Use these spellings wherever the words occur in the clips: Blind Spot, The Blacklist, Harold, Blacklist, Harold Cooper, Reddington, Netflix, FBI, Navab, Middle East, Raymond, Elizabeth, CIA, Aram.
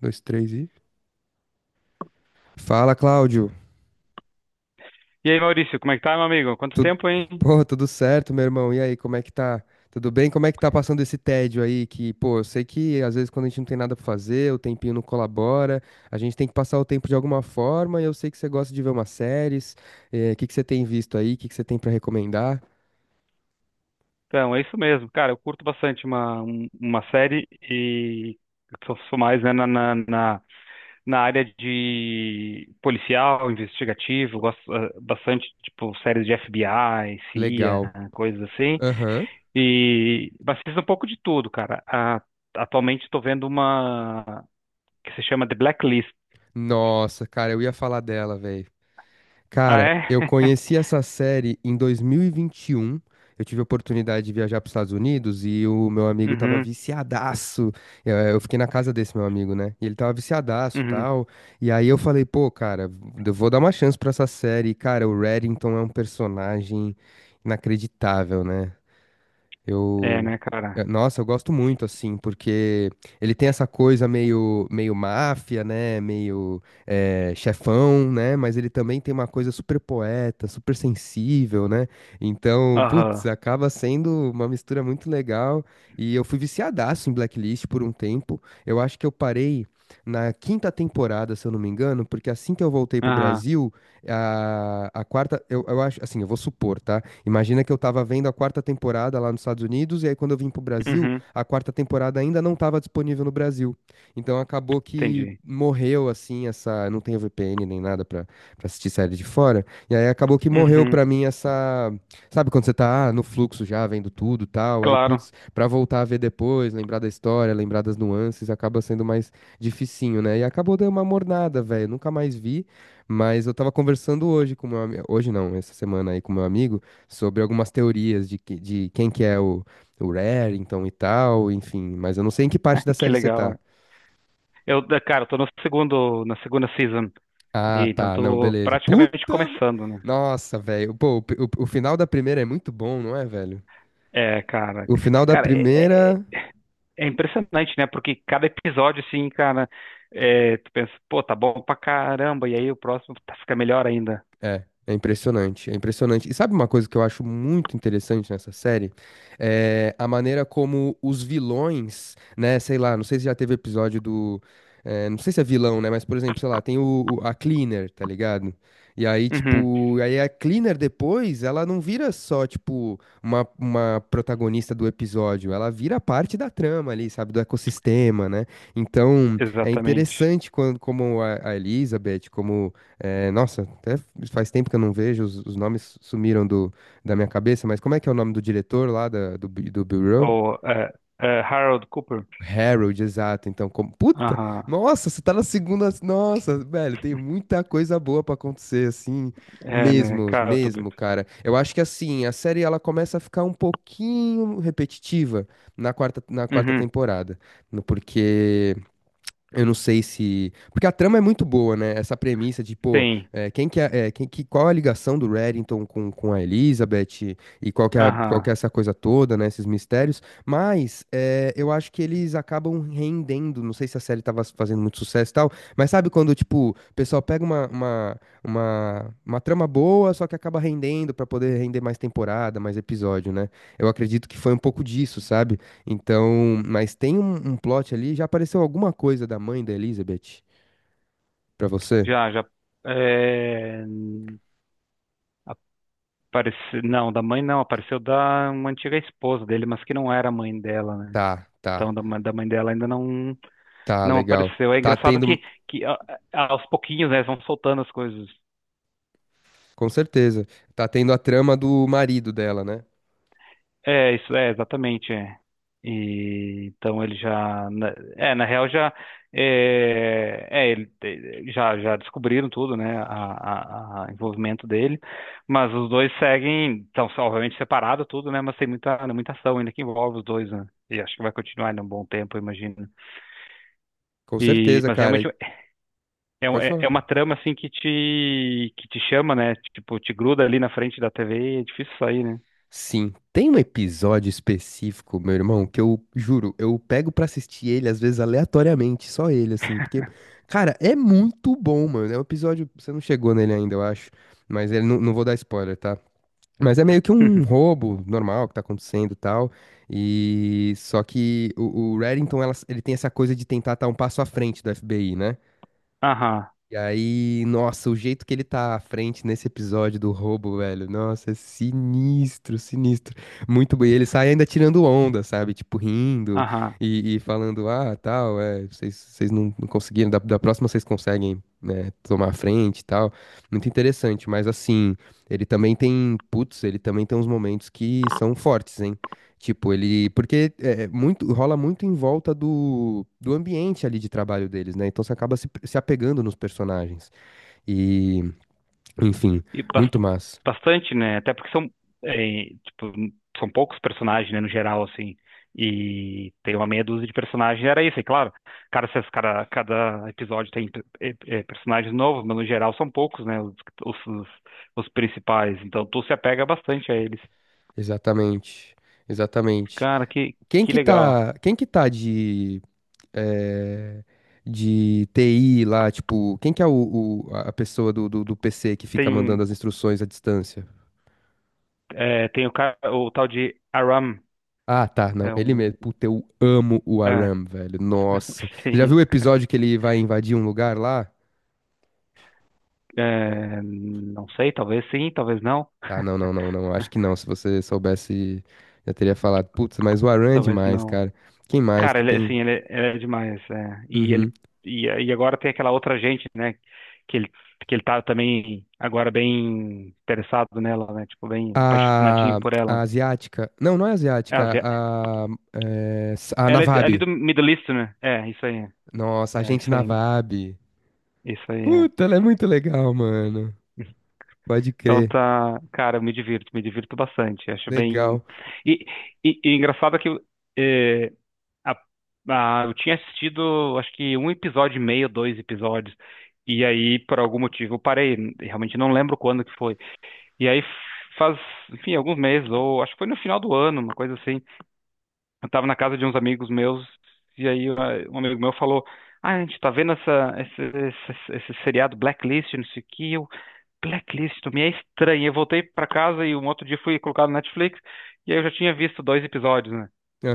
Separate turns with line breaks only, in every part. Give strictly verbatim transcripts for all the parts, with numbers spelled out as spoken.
Dois, três e. Fala, Cláudio.
E aí, Maurício, como é que tá, meu amigo? Quanto
Tu...
tempo, hein?
Pô, tudo certo, meu irmão? E aí, como é que tá? Tudo bem? Como é que tá passando esse tédio aí? Que, pô, eu sei que às vezes quando a gente não tem nada pra fazer, o tempinho não colabora, a gente tem que passar o tempo de alguma forma. E eu sei que você gosta de ver umas séries. É, o que que você tem visto aí? O que que você tem pra recomendar?
Então, é isso mesmo. Cara, eu curto bastante uma, um- uma série e eu sou, sou mais, né, na, na, na na área de policial, investigativo, gosto ah, bastante, tipo, séries de F B I,
Legal.
C I A, coisas assim.
Aham.
E mas fiz um pouco de tudo, cara. A- atualmente estou vendo uma que se chama The Blacklist.
Nossa, cara, eu ia falar dela, velho.
Ah,
Cara,
é?
eu conheci essa série em dois mil e vinte e um. Eu tive a oportunidade de viajar para os Estados Unidos e o meu amigo tava
Uhum,
viciadaço. Eu, eu fiquei na casa desse meu amigo, né? E ele tava viciadaço e
uhum.
tal. E aí eu falei, pô, cara, eu vou dar uma chance para essa série. E, cara, o Reddington é um personagem inacreditável, né?
É,
Eu,
né,
eh,
cara?
nossa, eu gosto muito assim, porque ele tem essa coisa meio, meio máfia, né? Meio eh, chefão, né? Mas ele também tem uma coisa super poeta, super sensível, né? Então, putz,
Aham,
acaba sendo uma mistura muito legal. E eu fui viciadaço em Blacklist por um tempo. Eu acho que eu parei na quinta temporada, se eu não me engano, porque assim que eu voltei pro
aham,
Brasil, a, a quarta, eu, eu acho, assim, eu vou supor, tá? Imagina que eu estava vendo a quarta temporada lá nos Estados Unidos, e aí quando eu vim pro Brasil,
uhum,
a quarta temporada ainda não estava disponível no Brasil. Então acabou que
entendi.
morreu, assim, essa. Não tenho V P N nem nada pra, pra assistir série de fora. E aí acabou que morreu
Uhum,
pra mim essa. Sabe quando você tá ah, no fluxo já, vendo tudo tal, aí,
claro.
putz, pra voltar a ver depois, lembrar da história, lembrar das nuances, acaba sendo mais dificinho, né? E acabou dando uma mornada, velho. Nunca mais vi, mas eu tava conversando hoje com meu amigo. Hoje não, essa semana aí com meu amigo sobre algumas teorias de, que- de quem que é o, o Remington e tal, enfim. Mas eu não sei em que parte da
Que
série você
legal,
tá.
né? Eu, da- cara, eu tô no segundo, na segunda season,
Ah,
e então
tá, não,
tô
beleza.
praticamente
Puta! ma-
começando, né?
Nossa, velho. Pô, o, o o final da primeira é muito bom, não é, velho?
É, cara.
O final da
Cara, é, é-
primeira.
É impressionante, né? Porque cada episódio, assim, cara, é, tu pensa, pô, tá bom pra caramba, e aí o próximo tá- fica melhor ainda.
É, é impressionante, é impressionante. E sabe uma coisa que eu acho muito interessante nessa série? É a maneira como os vilões, né, sei lá, não sei se já teve episódio do. É, não sei se é vilão, né? Mas, por exemplo, sei lá, tem o, o- a Cleaner, tá ligado? E aí,
Uhum,
tipo, aí a Cleaner depois, ela não vira só, tipo, uma, uma protagonista do episódio, ela vira parte da trama ali, sabe, do ecossistema, né? Então, é
exatamente.
interessante quando, como a, a Elizabeth, como. É, nossa, até faz tempo que eu não vejo, os, os nomes sumiram do, da minha cabeça, mas como é que é o nome do diretor lá da- do, Bi- do Bureau?
Ou é, é, Harold Cooper?
Harold, exato. Então, como. Puta!
Aham,
Nossa, você tá na segunda. Nossa, velho, tem muita coisa boa pra acontecer, assim.
é, né?
Mesmo,
Cara, eu tô
mesmo,
doido.
cara. Eu acho que assim, a série ela começa a ficar um pouquinho repetitiva na quarta, na quarta
Uhum,
temporada. no- Porque. Eu não sei se. Porque a trama é muito boa, né? Essa premissa de, pô,
tem.
é, quem que é, é, quem que, qual é a ligação do Reddington com, com a Elizabeth e, qual que é, a- qual
Aham,
que é essa coisa toda, né? Esses mistérios. Mas é, eu acho que eles acabam rendendo. Não sei se a série tava fazendo muito sucesso e tal, mas sabe quando, tipo, o pessoal pega uma, uma, uma, uma trama boa, só que acaba rendendo pra poder render mais temporada, mais episódio, né? Eu acredito que foi um pouco disso, sabe? Então, mas tem um, um plot ali. Já apareceu alguma coisa da mãe da Elizabeth pra você?
já, já. É... Apareceu... Não, da mãe não, apareceu da uma antiga esposa dele, mas que não era a mãe dela, né?
Tá,
Então,
tá,
da, ma- da mãe dela ainda não,
tá,
não
legal.
apareceu. É
Tá
engraçado
tendo,
que, que a- a- aos pouquinhos, né, eles vão soltando as coisas.
com certeza. Tá tendo a trama do marido dela, né?
É, isso é exatamente, é. E então ele já, na- é, na real já, é, é, ele, eh, já, já descobriram tudo, né, a, a, a envolvimento dele, mas os dois seguem, estão obviamente separados tudo, né, mas tem muita, né, muita ação ainda que envolve os dois, né, e acho que vai continuar ainda um bom tempo, eu imagino.
Com
E
certeza,
mas
cara.
realmente
E-
é, um-
Pode
é é
falar.
uma trama assim que te, que te chama, né, tipo, te gruda ali na frente da T V e é difícil sair, né.
Sim, tem um episódio específico, meu irmão, que eu juro, eu pego pra assistir ele às vezes aleatoriamente, só ele, assim, porque, cara, é muito bom, mano. É um episódio, você não chegou nele ainda, eu acho, mas ele não, não vou dar spoiler, tá? Mas é meio que um roubo normal que tá acontecendo e tal. E só que o, o Reddington, ela- ele tem essa coisa de tentar estar um passo à frente do F B I, né?
Aham,
E aí, nossa, o jeito que ele tá à frente nesse episódio do roubo, velho, nossa, é sinistro, sinistro. Muito bem. E ele sai ainda tirando onda, sabe? Tipo, rindo
aham.
e, e falando, ah, tal, é, vocês, vocês não, não conseguiram, da, da próxima vocês conseguem, né, tomar a frente e tal. Muito interessante, mas assim, ele também tem, putz, ele também tem uns momentos que são fortes, hein? Tipo, ele. Porque é, é muito, rola muito em volta do, do ambiente ali de trabalho deles, né? Então você acaba se, se apegando nos personagens. E, enfim,
E bas-
muito massa.
bastante, né? Até porque são, é, tipo, são poucos personagens, né, no geral, assim. E tem uma meia dúzia de personagens, era isso, é claro. Cada, cada, cada episódio tem é, é, personagens novos, mas no geral são poucos, né? Os, os, os- os principais. Então tu se apega bastante a eles.
Exatamente. Exatamente.
Cara, que,
Quem
que
que
legal.
tá. Quem que tá de. É, de T I lá, tipo, quem que é o, o- a a pessoa do, do, do P C que fica mandando
Tem,
as instruções à distância?
é, tem o, ca- o tal de Aram.
Ah, tá, não,
É
ele mesmo.
um.
Puta, eu amo o
É,
Aram, velho. Nossa. Você já viu
tem,
o episódio que ele vai invadir um lugar lá? Não.
é, não sei, talvez sim, talvez não.
Ah, não, não, não, não. Acho que não. Se você soubesse, já teria falado. Putz, mas o Aran é
Talvez
demais,
não.
cara. Quem mais
Cara,
que
ele, é,
tem?
assim, ele, é é demais, é. E
Uhum.
ele e, e agora tem aquela outra gente, né, que ele que ele tá também agora bem interessado nela, né, tipo bem
A,
apaixonadinho por
a
ela.
asiática. Não, não é
É a
asiática.
Zé-
A, é, s- a
Ela é de- ali
Navab.
do Middle East, né? É, isso aí.
Nossa, a
É,
gente
isso aí.
Navab.
Isso aí, é.
Puta, ela é muito legal, mano. Pode
Então
crer.
tá, cara, eu me divirto, me divirto bastante. Acho bem
Legal.
e, e, e engraçado que é, Ah, ah, eu tinha assistido, acho que um episódio e meio, dois episódios. E aí, por algum motivo, eu parei. Realmente não lembro quando que foi. E aí, faz, enfim, alguns meses, ou acho que foi no final do ano, uma coisa assim. Eu tava na casa de uns amigos meus, e aí ah, um amigo meu falou: Ah, a gente tá vendo essa, esse, esse, esse seriado Blacklist, não sei o que. Eu, Blacklist, me é estranho. Eu voltei pra casa e um outro dia fui colocar no Netflix, e aí eu já tinha visto dois episódios, né?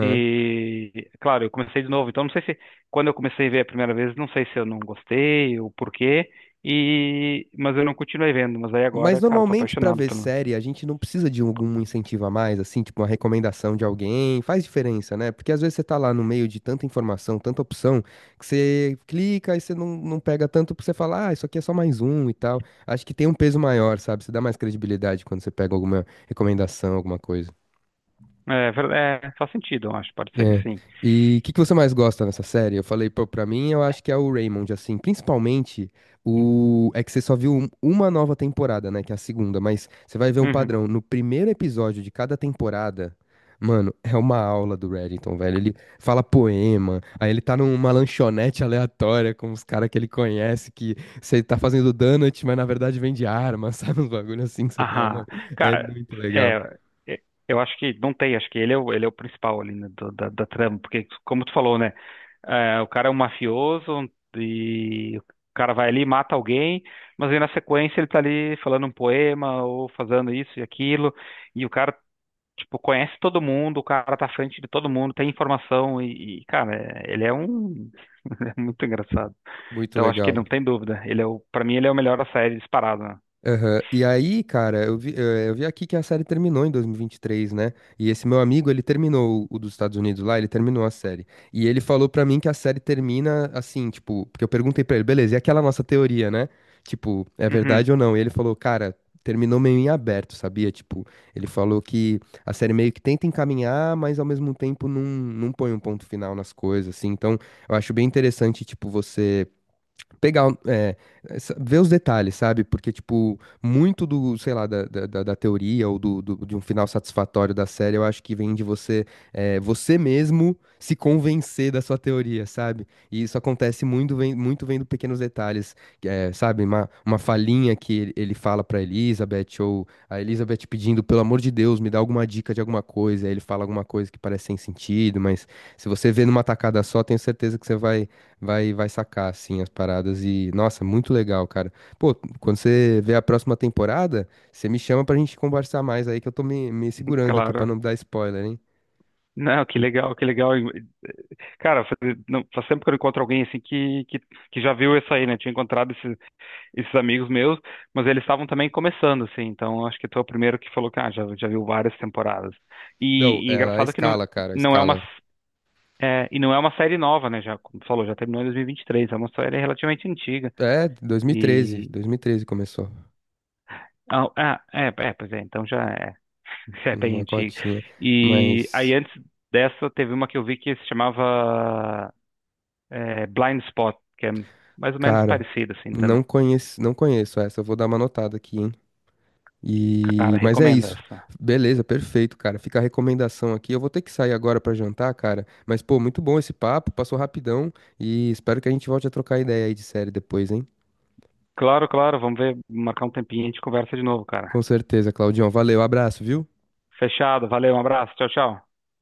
E, claro, eu comecei de novo. Então, não sei se quando eu comecei a ver a primeira vez, não sei se eu não gostei ou por quê. E mas eu não continuei vendo. Mas aí agora,
Mas
cara, tô
normalmente pra
apaixonado
ver
pelo.
série, a gente não precisa de algum incentivo a mais, assim, tipo uma recomendação de alguém, faz diferença, né? Porque às vezes você tá lá no meio de tanta informação, tanta opção, que você clica e você não, não pega tanto porque você fala, ah, isso aqui é só mais um e tal. Acho que tem um peso maior, sabe? Você dá mais credibilidade quando você pega alguma recomendação, alguma coisa.
É, ver- é, faz sentido, eu acho. Pode ser que
É.
sim.
E o que que você mais gosta nessa série? Eu falei, pô, pra mim, eu acho que é o Raymond, assim, principalmente o... É que você só viu um- uma nova temporada, né, que é a segunda, mas você vai ver um
Uhum.
padrão. No primeiro episódio de cada temporada, mano, é uma aula do Reddington, velho. Ele fala poema, aí ele tá numa lanchonete aleatória com os caras que ele conhece, que você tá fazendo donut, mas na verdade vende arma, sabe? Uns bagulho assim que você fala, mano,
Aham.
é
Cara,
muito legal.
é, é, eu acho que não tem. Acho que ele é o, ele é o principal ali, né, do- da, da trama. Porque, como tu falou, né? É, o cara é um mafioso e o cara vai ali, mata alguém, mas aí na sequência ele tá ali falando um poema ou fazendo isso e aquilo, e o cara, tipo, conhece todo mundo, o cara tá à frente de todo mundo, tem informação e, e, cara, é- ele é um... ele é muito engraçado.
Muito
Então acho que
legal.
não tem dúvida, ele é o... pra mim ele é o melhor da série disparado, né?
Aham. E aí, cara, eu vi, eh, eu vi aqui que a série terminou em dois mil e vinte e três, né? E esse meu amigo, ele terminou o o dos Estados Unidos lá, ele terminou a série. E ele falou pra mim que a série termina assim, tipo, porque eu perguntei pra ele, beleza, e aquela nossa teoria, né? Tipo, é
Uhum,
verdade ou não? E ele falou, cara, terminou meio em aberto, sabia? Tipo, ele falou que a série meio que tenta encaminhar, mas ao mesmo tempo não, não põe um ponto final nas coisas, assim. Então, eu acho bem interessante, tipo, você pegar, é, essa- ver os detalhes, sabe? Porque, tipo, muito do, sei lá, da, da, da- da teoria ou do, do- de um final satisfatório da série, eu acho que vem de você, é, você mesmo se convencer da sua teoria, sabe? E isso acontece muito, vem, muito vendo pequenos detalhes, que é, sabe? Uma, uma falinha que ele, ele fala pra Elizabeth, ou a Elizabeth pedindo, pelo amor de Deus, me dá alguma dica de alguma coisa, aí ele fala alguma coisa que parece sem sentido, mas se você vê numa tacada só, tenho certeza que você vai vai vai sacar assim as paradas e nossa, muito legal, cara. Pô, quando você vê a próxima temporada, você me chama pra gente conversar mais aí que eu tô me, me segurando aqui pra
claro.
não dar spoiler, hein?
Não, que legal, que legal. Cara, faz, não, faz tempo que eu encontro alguém assim que, que, que já viu isso aí, né? Tinha encontrado esse, esses amigos meus, mas eles estavam também começando, assim, então acho que tu é o primeiro que falou que ah, já, já viu várias temporadas.
Não,
E, e
ela
engraçado que não,
escala, cara,
não é uma,
escala.
é, e não é uma série nova, né, já, como tu falou, já terminou em dois mil e vinte e três, é uma série relativamente antiga,
É, dois mil e treze
e...
dois mil e treze começou
Ah, ah, é, é, pois é, então já é, já é bem
uma
antiga.
cotinha,
E aí
mas
antes dessa teve uma que eu vi que se chamava é, Blind Spot, que é mais ou menos
cara,
parecida, assim, também.
não conheço, não conheço essa, eu vou dar uma notada aqui, hein?
Cara,
E mas é
recomendo
isso.
essa.
Beleza, perfeito, cara. Fica a recomendação aqui. Eu vou ter que sair agora pra jantar, cara. Mas pô, muito bom esse papo, passou rapidão e espero que a gente volte a trocar ideia aí de série depois, hein?
Claro, claro, vamos ver, marcar um tempinho e a gente conversa de novo,
Com
cara.
certeza, Claudião. Valeu, abraço, viu?
Fechado, valeu, um abraço, tchau, tchau.